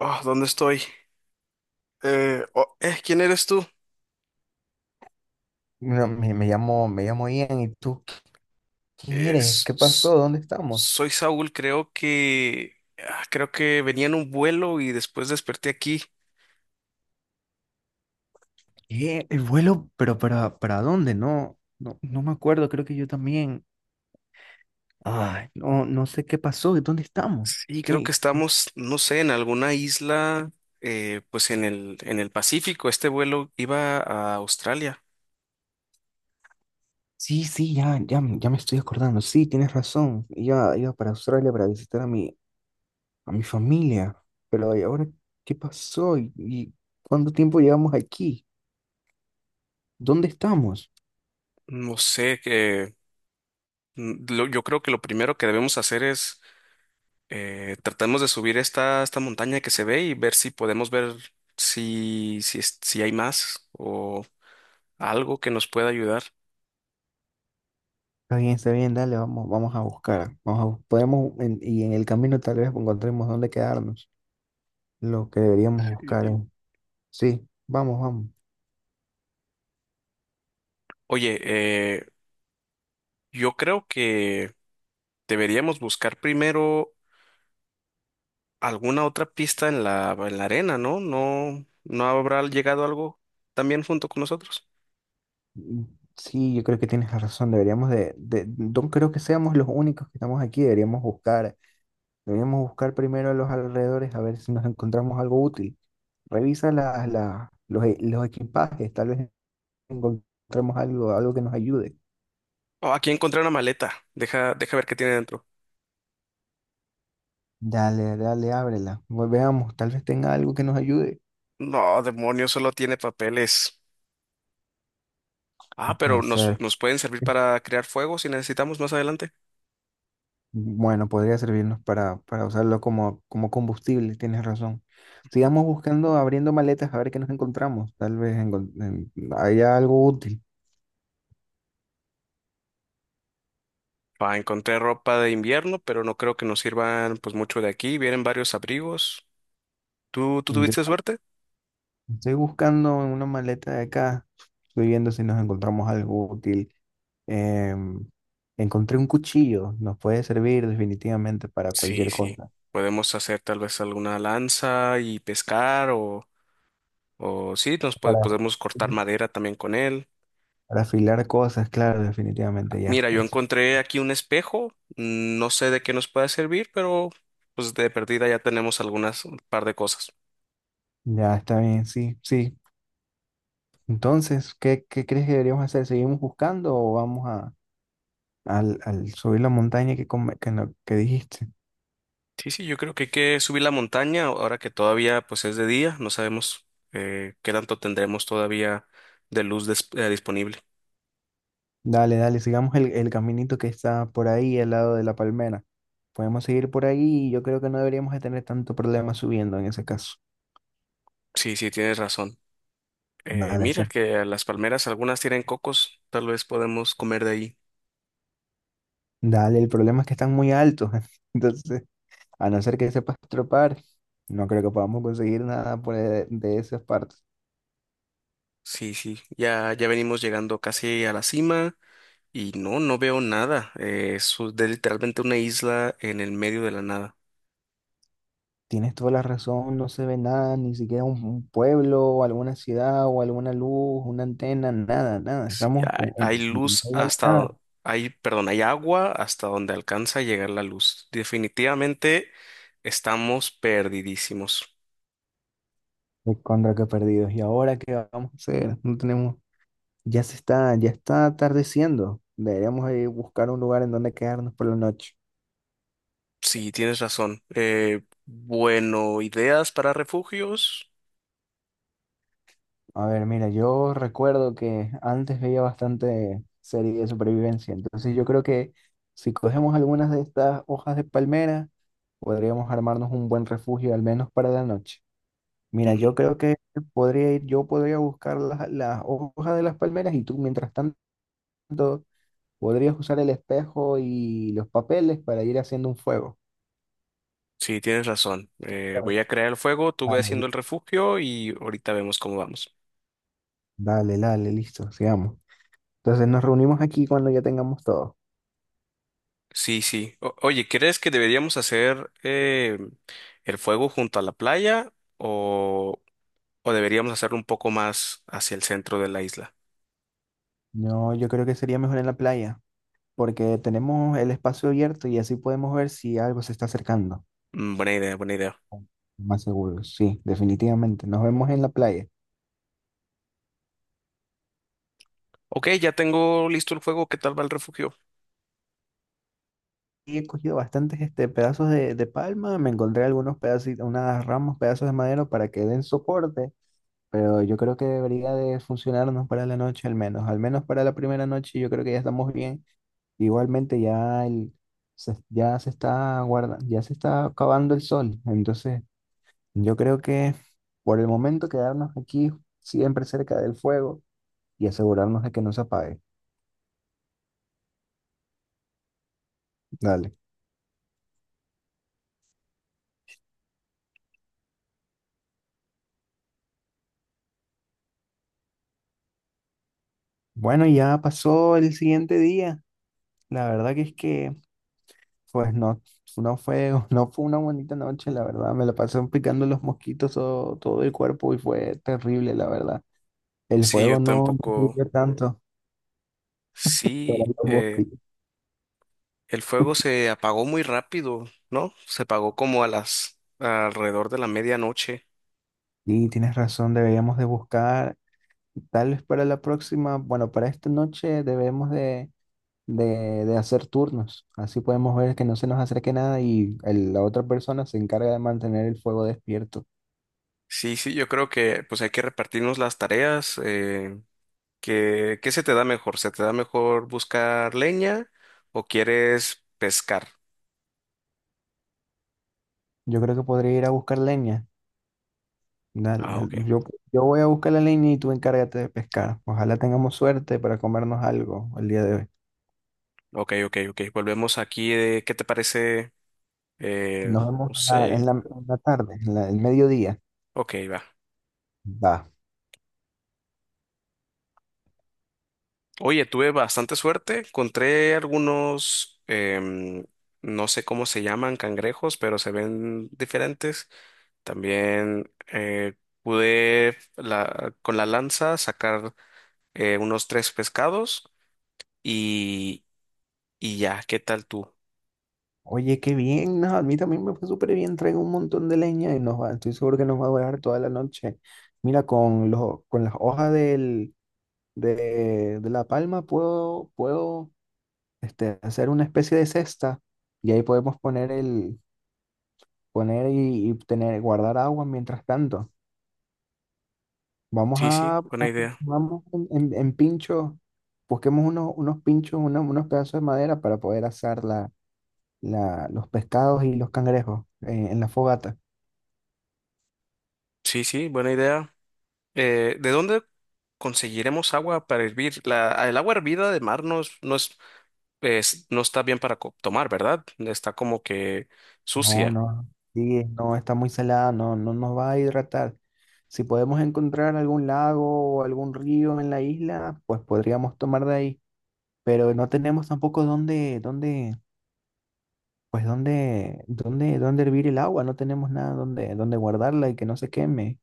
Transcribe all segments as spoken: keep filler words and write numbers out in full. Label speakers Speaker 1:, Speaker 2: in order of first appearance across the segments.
Speaker 1: Oh, ¿dónde estoy? Eh, oh, eh, ¿quién eres tú?
Speaker 2: No, Me, me llamo, me llamo Ian, ¿y tú quién
Speaker 1: Eh,
Speaker 2: eres?
Speaker 1: s-
Speaker 2: ¿Qué
Speaker 1: s-
Speaker 2: pasó? ¿Dónde estamos?
Speaker 1: Soy Saúl, creo que ah, creo que venía en un vuelo y después desperté aquí.
Speaker 2: Eh, el vuelo, pero para, ¿para dónde? No, no, no me acuerdo, creo que yo también. Ay, no, no sé qué pasó, ¿dónde estamos?
Speaker 1: Sí, creo que
Speaker 2: ¿Qué?
Speaker 1: estamos, no sé, en alguna isla, eh, pues en el en el Pacífico. Este vuelo iba a Australia.
Speaker 2: Sí, sí, ya, ya, me- ya me estoy acordando. Sí, tienes razón. Iba, iba para Australia para visitar a mi, a mi familia. Pero ¿y ahora qué pasó? ¿Y, y cuánto tiempo llevamos aquí? ¿Dónde estamos?
Speaker 1: No sé, que mm, lo- yo creo que lo primero que debemos hacer es eh, tratemos de subir esta esta montaña que se ve y ver si podemos ver si si es- si hay más o algo que nos pueda ayudar.
Speaker 2: Está bien, está bien, dale, vamos, vamos a buscar. Vamos a, bus- podemos, en- y en el camino tal vez encontremos dónde quedarnos. Lo que deberíamos
Speaker 1: Y-
Speaker 2: buscar es-
Speaker 1: y-
Speaker 2: Sí, vamos, vamos.
Speaker 1: Oye, eh, yo creo que deberíamos buscar primero alguna otra pista en la, en la arena, ¿no? No, no habrá llegado algo también junto con nosotros.
Speaker 2: Mm, sí, yo creo que tienes la razón. Deberíamos de, de, no creo que seamos los únicos que estamos aquí. Deberíamos buscar, deberíamos buscar primero a los alrededores a ver si nos encontramos algo útil. Revisa las las- los, e- los equipajes, tal vez encontremos algo, algo que nos ayude.
Speaker 1: Oh, aquí encontré una maleta. Deja, deja ver qué tiene dentro.
Speaker 2: Dale, dale, ábrela. Ve- Veamos, tal vez tenga algo que nos ayude.
Speaker 1: No, demonio, solo tiene papeles.
Speaker 2: No
Speaker 1: Ah,
Speaker 2: puede
Speaker 1: pero nos,
Speaker 2: ser.
Speaker 1: nos pueden servir para crear fuego si necesitamos más adelante.
Speaker 2: Bueno, podría servirnos para, para usarlo como, como combustible, tienes razón. Sigamos buscando, abriendo maletas a ver qué nos encontramos. Tal vez encon- en- haya algo útil.
Speaker 1: Ah, encontré ropa de invierno, pero no creo que nos sirvan pues mucho de aquí. Vienen varios abrigos. ¿Tú, tú
Speaker 2: Yo
Speaker 1: tuviste suerte?
Speaker 2: estoy buscando en una maleta de acá, estoy viendo si nos encontramos algo útil. Em, Encontré un cuchillo, nos puede servir definitivamente para
Speaker 1: Sí,
Speaker 2: cualquier
Speaker 1: sí.
Speaker 2: cosa.
Speaker 1: Podemos hacer tal vez alguna lanza y pescar o, o sí, nos puede-
Speaker 2: Para,
Speaker 1: podemos cortar madera también con él.
Speaker 2: para afilar cosas, claro, definitivamente ya.
Speaker 1: Mira, yo encontré aquí un espejo. No sé de qué nos pueda servir, pero pues de perdida ya tenemos algunas un par de cosas.
Speaker 2: Ya está bien, sí, sí. Entonces, ¿qué, qué crees que deberíamos hacer? ¿Seguimos buscando o vamos a, al, al subir la montaña que, come- que, no- que dijiste?
Speaker 1: Sí, sí, yo creo que hay que subir la montaña ahora que todavía pues es de día. No sabemos eh, qué tanto tendremos todavía de luz dis- eh, disponible.
Speaker 2: Dale, dale, sigamos el, el caminito que está por ahí al lado de la palmera. Podemos seguir por ahí y yo creo que no deberíamos de tener tanto problema subiendo en ese caso.
Speaker 1: Sí, sí, tienes razón. Eh,
Speaker 2: Dale, está-
Speaker 1: mira que las palmeras algunas tienen cocos. Tal vez podemos comer de ahí.
Speaker 2: Dale, el problema es que están muy altos. Entonces, a no ser que sepas tropar, no creo que podamos conseguir nada por, e- de esas partes.
Speaker 1: Sí, sí, ya, ya venimos llegando casi a la cima y no, no veo nada. Eh, es u- de Literalmente una isla en el medio de la nada.
Speaker 2: Tienes toda la razón, no se ve nada, ni siquiera un, un pueblo o alguna ciudad o alguna luz, una antena, nada, nada.
Speaker 1: Sí,
Speaker 2: Estamos
Speaker 1: hay,
Speaker 2: con, en-
Speaker 1: hay
Speaker 2: en
Speaker 1: luz
Speaker 2: medio de la
Speaker 1: hasta,
Speaker 2: nada,
Speaker 1: do- hay, perdón, hay agua hasta donde alcanza a llegar la luz. Definitivamente estamos perdidísimos.
Speaker 2: pues, contra que perdidos. ¿Y ahora qué vamos a hacer? No tenemos, ya se está, ya está atardeciendo. Deberíamos ir a buscar un lugar en donde quedarnos por la noche.
Speaker 1: Sí, tienes razón. Eh, bueno, ideas para refugios.
Speaker 2: A ver, mira, yo recuerdo que antes veía bastante serie de supervivencia, entonces yo creo que si cogemos algunas de estas hojas de palmera, podríamos armarnos un buen refugio, al menos para la noche. Mira, yo
Speaker 1: Mm.
Speaker 2: creo que podría ir, yo podría buscar las, las hojas de las palmeras y tú, mientras tanto, podrías usar el espejo y los papeles para ir haciendo un fuego.
Speaker 1: Sí, tienes razón. Eh, voy a crear el fuego, tú ve
Speaker 2: Dale,
Speaker 1: haciendo el refugio y ahorita vemos cómo vamos.
Speaker 2: dale, dale, listo, sigamos. Entonces nos reunimos aquí cuando ya tengamos todo.
Speaker 1: Sí, sí. O- oye, ¿crees que deberíamos hacer eh, el fuego junto a la playa o, o deberíamos hacerlo un poco más hacia el centro de la isla?
Speaker 2: No, yo creo que sería mejor en la playa, porque tenemos el espacio abierto y así podemos ver si algo se está acercando.
Speaker 1: Mm, buena idea, buena idea.
Speaker 2: Más seguro, sí, definitivamente. Nos vemos en la playa.
Speaker 1: Ok, ya tengo listo el fuego. ¿Qué tal va el refugio?
Speaker 2: Y he cogido bastantes este, pedazos de, de palma, me encontré algunos pedacitos, unas ramas, pedazos de madera para que den soporte, pero yo creo que debería de funcionarnos para la noche al menos, al menos para la primera noche yo creo que ya estamos bien. Igualmente ya, el, se, ya se está guarda, ya se está acabando el sol, entonces yo creo que por el momento quedarnos aquí siempre cerca del fuego y asegurarnos de que no se apague. Dale. Bueno, ya pasó el siguiente día. La verdad que es que pues no, no fue, no fue una bonita noche, la verdad. Me la pasé picando los mosquitos todo, todo el cuerpo y fue terrible, la verdad. El
Speaker 1: Sí, yo
Speaker 2: fuego no, no
Speaker 1: tampoco.
Speaker 2: sirvió tanto
Speaker 1: Sí,
Speaker 2: para los
Speaker 1: eh,
Speaker 2: mosquitos.
Speaker 1: el fuego se apagó muy rápido, ¿no? Se apagó como a las alrededor de la medianoche.
Speaker 2: Y tienes razón, deberíamos de buscar, tal vez para la próxima, bueno, para esta noche debemos de, de, de hacer turnos. Así podemos ver que no se nos acerque nada y el- la otra persona se encarga de mantener el fuego despierto.
Speaker 1: Sí, sí, yo creo que pues hay que repartirnos las tareas. eh, ¿Qué, qué se te da mejor? ¿Se te da mejor buscar leña o quieres pescar?
Speaker 2: Yo creo que podría ir a buscar leña. Dale,
Speaker 1: Ah, ok.
Speaker 2: yo, yo voy a buscar la leña y tú encárgate de pescar. Ojalá tengamos suerte para comernos algo el día de hoy.
Speaker 1: Ok, ok, ok. Volvemos aquí de qué te parece, eh,
Speaker 2: Nos vemos
Speaker 1: no
Speaker 2: en la,
Speaker 1: sé.
Speaker 2: en la- en la tarde, en la- el mediodía.
Speaker 1: Ok, va.
Speaker 2: Va.
Speaker 1: Oye, tuve bastante suerte. Encontré algunos, em, no sé cómo se llaman, cangrejos, pero se ven diferentes. También eh, pude la- con la lanza sacar eh, unos tres pescados y, y ya, ¿qué tal tú?
Speaker 2: Oye, qué bien, no, a mí también me fue súper bien. Traigo un montón de leña y nos va, estoy seguro que nos va a durar toda la noche. Mira, con, los con las hojas del, de, de la palma puedo, puedo este, hacer una especie de cesta y ahí podemos poner, el, poner y, y tener, guardar agua mientras tanto. Vamos
Speaker 1: Sí,
Speaker 2: a,
Speaker 1: sí,
Speaker 2: a-
Speaker 1: buena idea.
Speaker 2: vamos en, en- en pinchos, busquemos unos, unos pinchos, unos, unos pedazos de madera para poder asar la, la- los pescados y los cangrejos eh, en la fogata.
Speaker 1: Sí, sí, buena idea. Eh, ¿de dónde conseguiremos agua para hervir? La, el agua hervida de mar no es, no es, es- no está bien para co- tomar, ¿verdad? Está como que
Speaker 2: No,
Speaker 1: sucia.
Speaker 2: no, sí, no, está muy salada, no, no nos va a hidratar. Si podemos encontrar algún lago o algún río en la isla, pues podríamos tomar de ahí, pero no tenemos tampoco dónde, dónde, pues dónde, dónde, dónde hervir el agua, no tenemos nada donde, donde guardarla y que no se queme.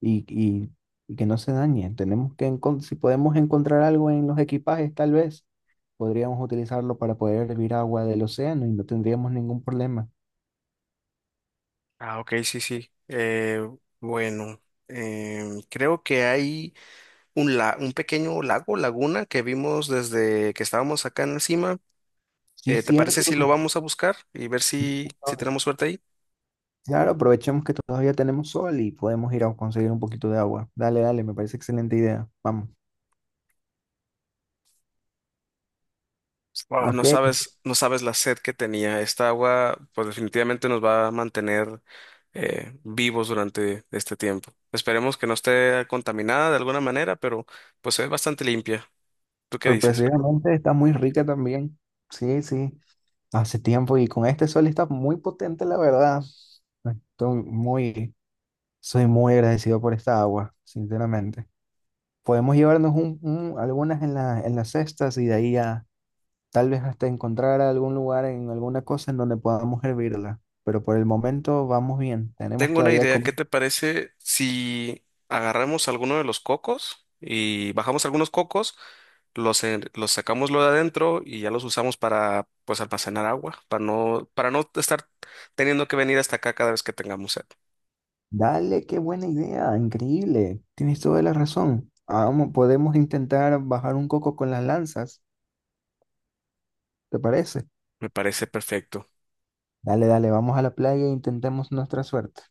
Speaker 2: y, y- y que no se dañe. Tenemos que, encon- si podemos encontrar algo en los equipajes, tal vez podríamos utilizarlo para poder hervir agua del océano y no tendríamos ningún problema.
Speaker 1: Ah, ok, sí, sí. Eh, bueno, em, creo que hay un, la- un pequeño lago, laguna, que vimos desde que estábamos acá en encima.
Speaker 2: Sí,
Speaker 1: Eh, ¿te parece
Speaker 2: cierto.
Speaker 1: si lo vamos a buscar y ver si, si tenemos suerte ahí?
Speaker 2: Claro, aprovechemos que todavía tenemos sol y podemos ir a conseguir un poquito de agua. Dale, dale, me parece excelente idea. Vamos.
Speaker 1: Wow, no
Speaker 2: Ok,
Speaker 1: sabes, no sabes la sed que tenía. Esta agua, pues definitivamente nos va a mantener eh, vivos durante este tiempo. Esperemos que no esté contaminada de alguna manera, pero pues es bastante limpia. ¿Tú qué dices?
Speaker 2: sorpresivamente está muy rica también. Sí, sí, hace tiempo y con este sol está muy potente, la verdad. Estoy muy, soy muy agradecido por esta agua, sinceramente. Podemos llevarnos un- un- algunas en la- en las cestas y de ahí a tal vez hasta encontrar algún lugar en alguna cosa en donde podamos hervirla. Pero por el momento vamos bien. Tenemos
Speaker 1: Tengo una
Speaker 2: todavía
Speaker 1: idea.
Speaker 2: como...
Speaker 1: ¿Qué te parece si agarramos alguno de los cocos y bajamos algunos cocos, los, en- los sacamos lo de adentro y ya los usamos para pues almacenar agua, para no, para no estar teniendo que venir hasta acá cada vez que tengamos sed?
Speaker 2: Dale, qué buena idea, increíble. Tienes toda la razón. Vamos, podemos intentar bajar un coco con las lanzas, ¿te parece?
Speaker 1: Me parece perfecto.
Speaker 2: Dale, dale, vamos a la playa e intentemos nuestra suerte.